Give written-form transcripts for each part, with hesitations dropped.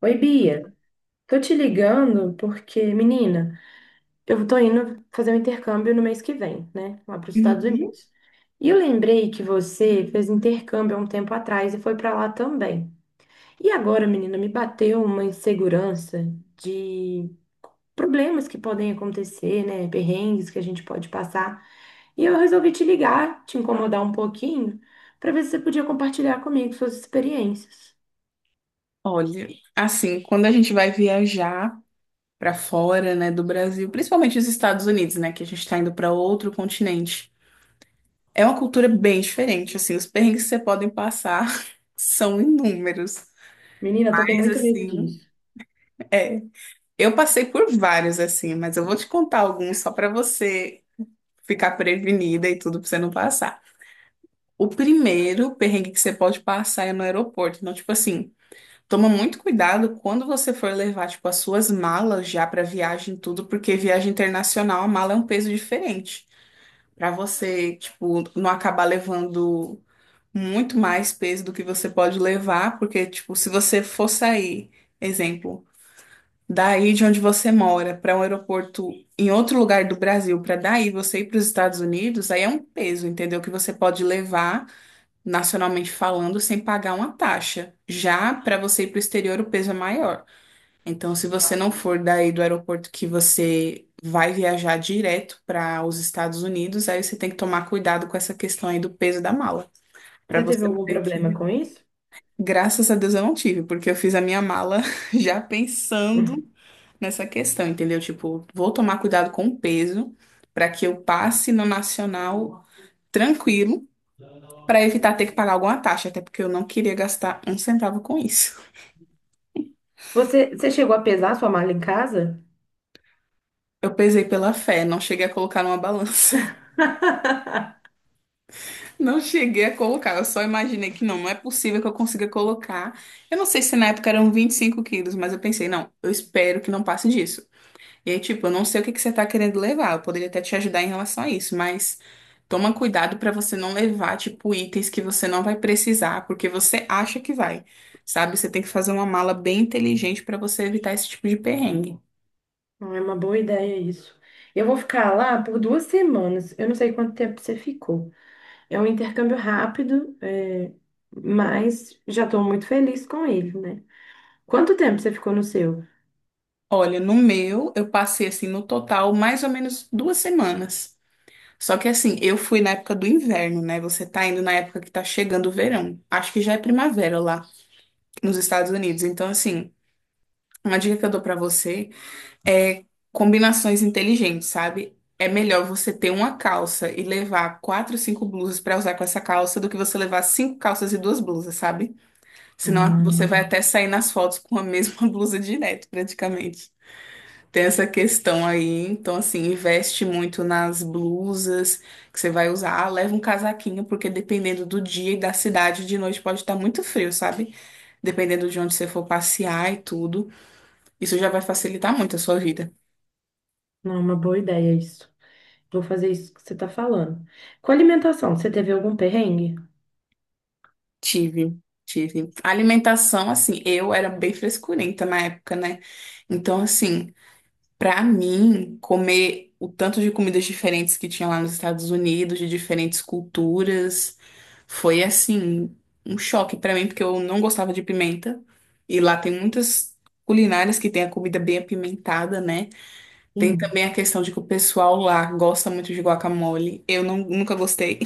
Oi, Bia. Tô te ligando porque, menina, eu tô indo fazer um intercâmbio no mês que vem, né? Lá para os Estados Uhum. Unidos. E eu lembrei que você fez intercâmbio há um tempo atrás e foi para lá também. E agora, menina, me bateu uma insegurança de problemas que podem acontecer, né? Perrengues que a gente pode passar. E eu resolvi te ligar, te incomodar um pouquinho, para ver se você podia compartilhar comigo suas experiências. Olha, assim, quando a gente vai viajar para fora, né, do Brasil, principalmente os Estados Unidos, né, que a gente está indo para outro continente, é uma cultura bem diferente, assim, os perrengues que você podem passar são inúmeros. Menina, tô com Mas muito medo assim, disso. é, eu passei por vários assim, mas eu vou te contar alguns só para você ficar prevenida e tudo para você não passar. O primeiro perrengue que você pode passar é no aeroporto, então tipo assim, toma muito cuidado quando você for levar, tipo, as suas malas já para viagem e tudo, porque viagem internacional, a mala é um peso diferente. Para você, tipo, não acabar levando muito mais peso do que você pode levar, porque, tipo, se você for sair, exemplo, daí de onde você mora para um aeroporto em outro lugar do Brasil, para daí você ir para os Estados Unidos, aí é um peso, entendeu? Que você pode levar nacionalmente falando sem pagar uma taxa. Já para você ir para o exterior, o peso é maior. Então, se você não for daí do aeroporto que você vai viajar direto para os Estados Unidos, aí você tem que tomar cuidado com essa questão aí do peso da mala, para Você teve você não algum ter problema que. com isso? Graças a Deus eu não tive, porque eu fiz a minha mala já pensando nessa questão, entendeu? Tipo, vou tomar cuidado com o peso para que eu passe no nacional tranquilo, para evitar ter que pagar alguma taxa, até porque eu não queria gastar um centavo com isso. Você chegou a pesar sua mala em casa? Eu pesei pela fé, não cheguei a colocar numa balança. Não cheguei a colocar, eu só imaginei que não, não é possível que eu consiga colocar. Eu não sei se na época eram 25 quilos, mas eu pensei, não, eu espero que não passe disso. E aí, tipo, eu não sei o que que você tá querendo levar, eu poderia até te ajudar em relação a isso, mas toma cuidado pra você não levar, tipo, itens que você não vai precisar, porque você acha que vai, sabe? Você tem que fazer uma mala bem inteligente pra você evitar esse tipo de perrengue. Não é uma boa ideia isso. Eu vou ficar lá por duas semanas. Eu não sei quanto tempo você ficou. É um intercâmbio rápido, é, mas já estou muito feliz com ele, né? Quanto tempo você ficou no seu? Olha, no meu, eu passei assim, no total, mais ou menos 2 semanas. Só que assim, eu fui na época do inverno, né? Você tá indo na época que tá chegando o verão. Acho que já é primavera lá nos Estados Unidos. Então, assim, uma dica que eu dou pra você é combinações inteligentes, sabe? É melhor você ter uma calça e levar quatro, cinco blusas pra usar com essa calça do que você levar cinco calças e duas blusas, sabe? Senão você Ah, vai até sair nas fotos com a mesma blusa direto, praticamente. Tem essa questão aí, então assim, investe muito nas blusas que você vai usar. Ah, leva um casaquinho, porque dependendo do dia e da cidade, de noite pode estar muito frio, sabe? Dependendo de onde você for passear e tudo. Isso já vai facilitar muito a sua vida. não é uma boa ideia isso. Vou fazer isso que você está falando. Com alimentação, você teve algum perrengue? Tive, tive. A alimentação, assim, eu era bem frescurenta na época, né? Então, assim. Pra mim, comer o tanto de comidas diferentes que tinha lá nos Estados Unidos, de diferentes culturas, foi assim, um choque pra mim, porque eu não gostava de pimenta. E lá tem muitas culinárias que tem a comida bem apimentada, né? Tem Sim. também a questão de que o pessoal lá gosta muito de guacamole. Eu não, nunca gostei.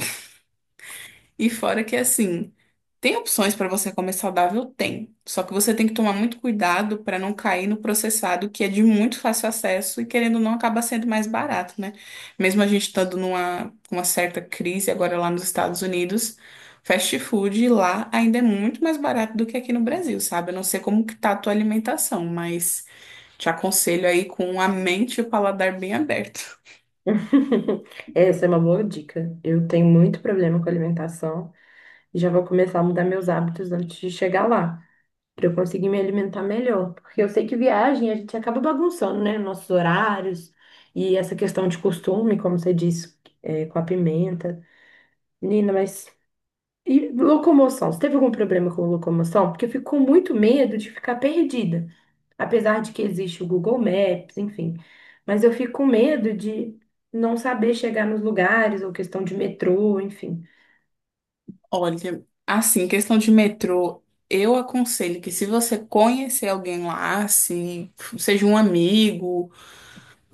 E fora que assim, tem opções para você comer saudável? Tem. Só que você tem que tomar muito cuidado para não cair no processado, que é de muito fácil acesso e querendo ou não acaba sendo mais barato, né? Mesmo a gente estando numa uma certa crise agora lá nos Estados Unidos, fast food lá ainda é muito mais barato do que aqui no Brasil, sabe? Eu não sei como que tá a tua alimentação, mas te aconselho aí com a mente e o paladar bem aberto. Essa é uma boa dica. Eu tenho muito problema com alimentação e já vou começar a mudar meus hábitos antes de chegar lá, para eu conseguir me alimentar melhor. Porque eu sei que viagem a gente acaba bagunçando, né? Nossos horários e essa questão de costume, como você disse, é, com a pimenta. Menina, mas. E locomoção? Você teve algum problema com locomoção? Porque eu fico com muito medo de ficar perdida. Apesar de que existe o Google Maps, enfim. Mas eu fico com medo de não saber chegar nos lugares, ou questão de metrô, enfim. Olha, assim, questão de metrô, eu aconselho que se você conhecer alguém lá, se seja um amigo,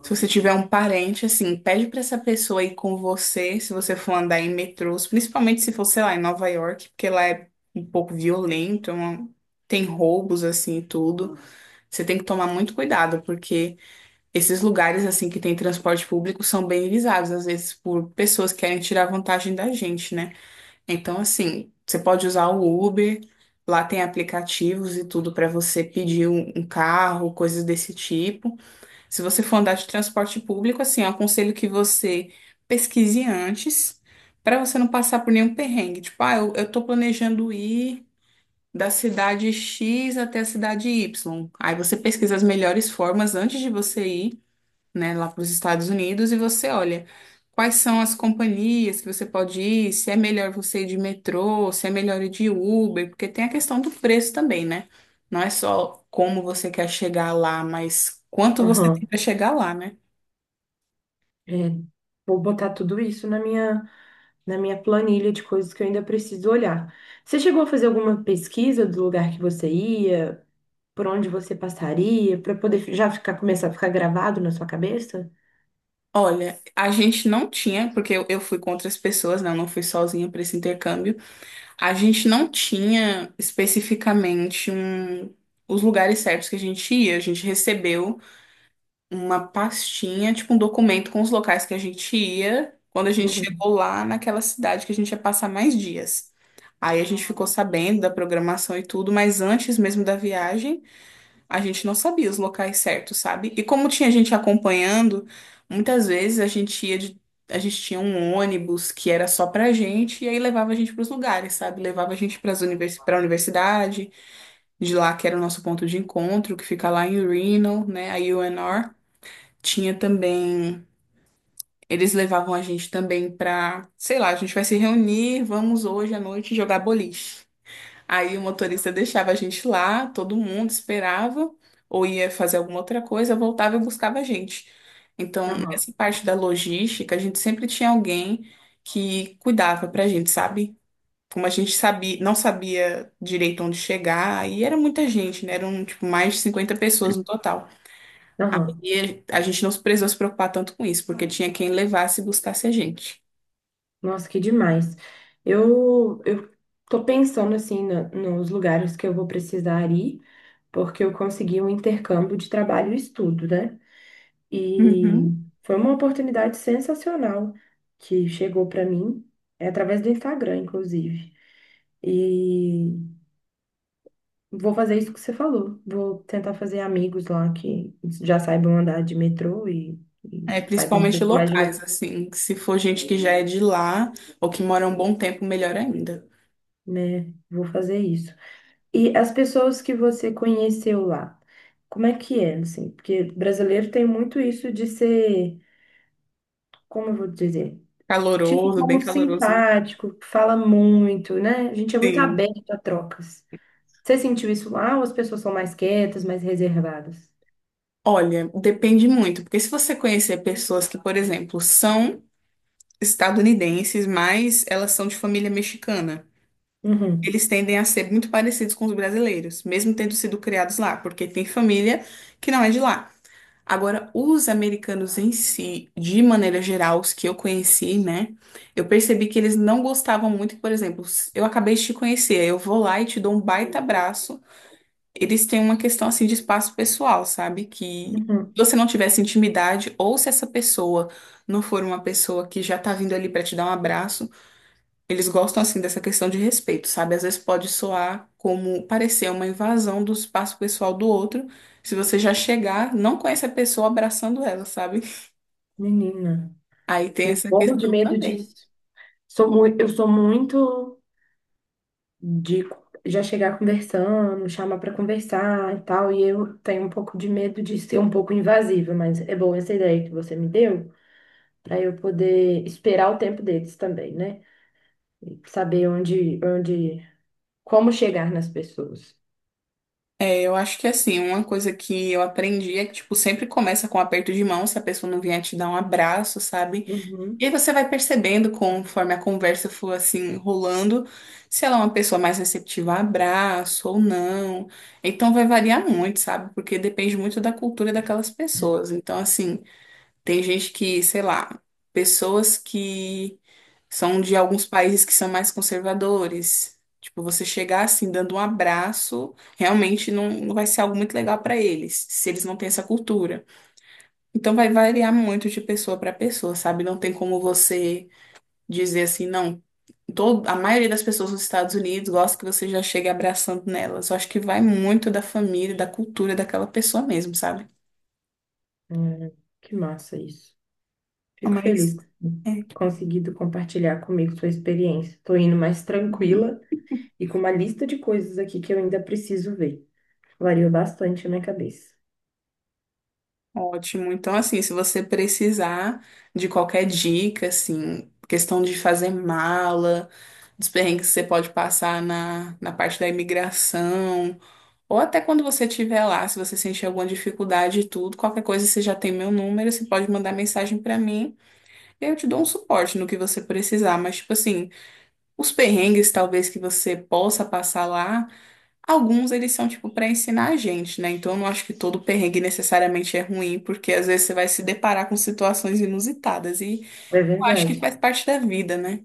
se você tiver um parente, assim, pede pra essa pessoa ir com você, se você for andar em metrôs, principalmente se for, sei lá, em Nova York, porque lá é um pouco violento, tem roubos, assim, e tudo. Você tem que tomar muito cuidado, porque esses lugares, assim, que tem transporte público são bem visados, às vezes, por pessoas que querem tirar vantagem da gente, né? Então, assim, você pode usar o Uber, lá tem aplicativos e tudo para você pedir um carro, coisas desse tipo. Se você for andar de transporte público, assim, eu aconselho que você pesquise antes, para você não passar por nenhum perrengue. Tipo, ah, eu tô planejando ir da cidade X até a cidade Y. Aí você pesquisa as melhores formas antes de você ir, né, lá para os Estados Unidos e você olha quais são as companhias que você pode ir, se é melhor você ir de metrô, se é melhor ir de Uber, porque tem a questão do preço também, né? Não é só como você quer chegar lá, mas quanto você tem para chegar lá, né? É, vou botar tudo isso na minha planilha de coisas que eu ainda preciso olhar. Você chegou a fazer alguma pesquisa do lugar que você ia, por onde você passaria, para poder já ficar, começar a ficar gravado na sua cabeça? Olha, a gente não tinha, porque eu fui com outras pessoas, né? Eu não fui sozinha para esse intercâmbio. A gente não tinha especificamente um, os lugares certos que a gente ia. A gente recebeu uma pastinha, tipo um documento com os locais que a gente ia quando a gente Uhum. chegou lá naquela cidade que a gente ia passar mais dias. Aí a gente ficou sabendo da programação e tudo, mas antes mesmo da viagem, a gente não sabia os locais certos, sabe? E como tinha gente acompanhando, muitas vezes a gente tinha um ônibus que era só pra gente e aí levava a gente pros lugares, sabe? Levava a gente para univers... para universidade, de lá que era o nosso ponto de encontro, que fica lá em Reno, né? A UNR tinha também. Eles levavam a gente também pra, sei lá, a gente vai se reunir, vamos hoje à noite jogar boliche. Aí o motorista deixava a gente lá, todo mundo esperava, ou ia fazer alguma outra coisa, voltava e buscava a gente. Então, Aham, nessa parte da logística, a gente sempre tinha alguém que cuidava pra gente, sabe? Como a gente sabia, não sabia direito onde chegar, e era muita gente, né? Eram, tipo, mais de 50 pessoas no total. aham. E a gente não precisou se preocupar tanto com isso, porque tinha quem levasse e buscasse a gente. Nossa, que demais. Eu tô pensando assim nos lugares que eu vou precisar ir, porque eu consegui um intercâmbio de trabalho e estudo, né? E Uhum. foi uma oportunidade sensacional que chegou para mim, é através do Instagram, inclusive. E vou fazer isso que você falou. Vou tentar fazer amigos lá que já saibam andar de metrô e É, saibam um principalmente pouco mais de lugar, locais, assim, que se for gente que já é de lá ou que mora um bom tempo, melhor ainda. né? Vou fazer isso. E as pessoas que você conheceu lá, como é que é, assim? Porque brasileiro tem muito isso de ser, como eu vou dizer? Tipo, Caloroso, bem como caloroso, né? simpático, fala muito, né? A gente é muito Sim. aberto a trocas. Você sentiu isso lá ou as pessoas são mais quietas, mais reservadas? Olha, depende muito, porque se você conhecer pessoas que, por exemplo, são estadunidenses, mas elas são de família mexicana, Uhum, eles tendem a ser muito parecidos com os brasileiros, mesmo tendo sido criados lá, porque tem família que não é de lá. Agora, os americanos em si, de maneira geral, os que eu conheci, né? Eu percebi que eles não gostavam muito, por exemplo, se eu acabei de te conhecer, eu vou lá e te dou um baita abraço. Eles têm uma questão assim de espaço pessoal, sabe? Que uhum. se você não tivesse intimidade, ou se essa pessoa não for uma pessoa que já tá vindo ali pra te dar um abraço. Eles gostam assim dessa questão de respeito, sabe? Às vezes pode soar como parecer uma invasão do espaço pessoal do outro, se você já chegar, não conhece a pessoa abraçando ela, sabe? Menina, Aí tem eu essa morro de questão medo também. disso. Eu sou muito de já chegar conversando, chamar para conversar e tal, e eu tenho um pouco de medo de ser um pouco invasiva, mas é boa essa ideia que você me deu, para eu poder esperar o tempo deles também, né? E saber onde, onde, como chegar nas pessoas. É, eu acho que assim, uma coisa que eu aprendi é que, tipo, sempre começa com um aperto de mão, se a pessoa não vier te dar um abraço, sabe? E Uhum. aí você vai percebendo conforme a conversa for assim rolando, se ela é uma pessoa mais receptiva a abraço ou não. Então vai variar muito, sabe? Porque depende muito da cultura daquelas pessoas. Então, assim, tem gente que, sei lá, pessoas que são de alguns países que são mais conservadores. Tipo, você chegar assim dando um abraço, realmente não, não vai ser algo muito legal para eles, se eles não têm essa cultura. Então vai variar muito de pessoa para pessoa, sabe? Não tem como você dizer assim, não, todo, a maioria das pessoas nos Estados Unidos gosta que você já chegue abraçando nelas. Eu acho que vai muito da família, da cultura daquela pessoa mesmo, sabe? Hum, que massa isso. Fico feliz Mas que você tenha é, conseguido compartilhar comigo sua experiência. Estou indo mais hum, tranquila e com uma lista de coisas aqui que eu ainda preciso ver. Variou bastante a minha cabeça. Ótimo. Então, assim, se você precisar de qualquer dica, assim, questão de fazer mala, dos perrengues que você pode passar na parte da imigração, ou até quando você estiver lá, se você sentir alguma dificuldade e tudo, qualquer coisa você já tem meu número, você pode mandar mensagem para mim. Eu te dou um suporte no que você precisar, mas, tipo assim, os perrengues talvez que você possa passar lá, alguns eles são, tipo, para ensinar a gente, né? Então, eu não acho que todo perrengue necessariamente é ruim, porque às vezes você vai se deparar com situações inusitadas e É eu acho que verdade. faz parte da vida, né?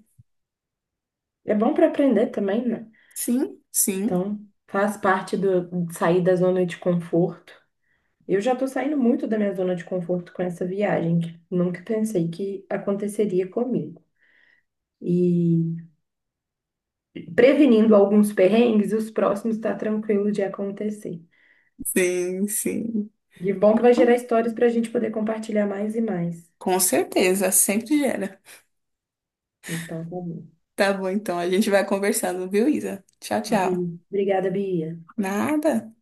É bom para aprender também, né? Sim, sim, Então, faz parte do de sair da zona de conforto. Eu já estou saindo muito da minha zona de conforto com essa viagem, que nunca pensei que aconteceria comigo. E prevenindo alguns perrengues, os próximos tá tranquilo de acontecer. sim, sim. E bom que vai gerar histórias para a gente poder compartilhar mais e mais. Com certeza, sempre gera. Então, tá bom. Tá bom, então, a gente vai conversando, viu, Isa? Tchau, Bi, tchau. obrigada, Bia. Nada.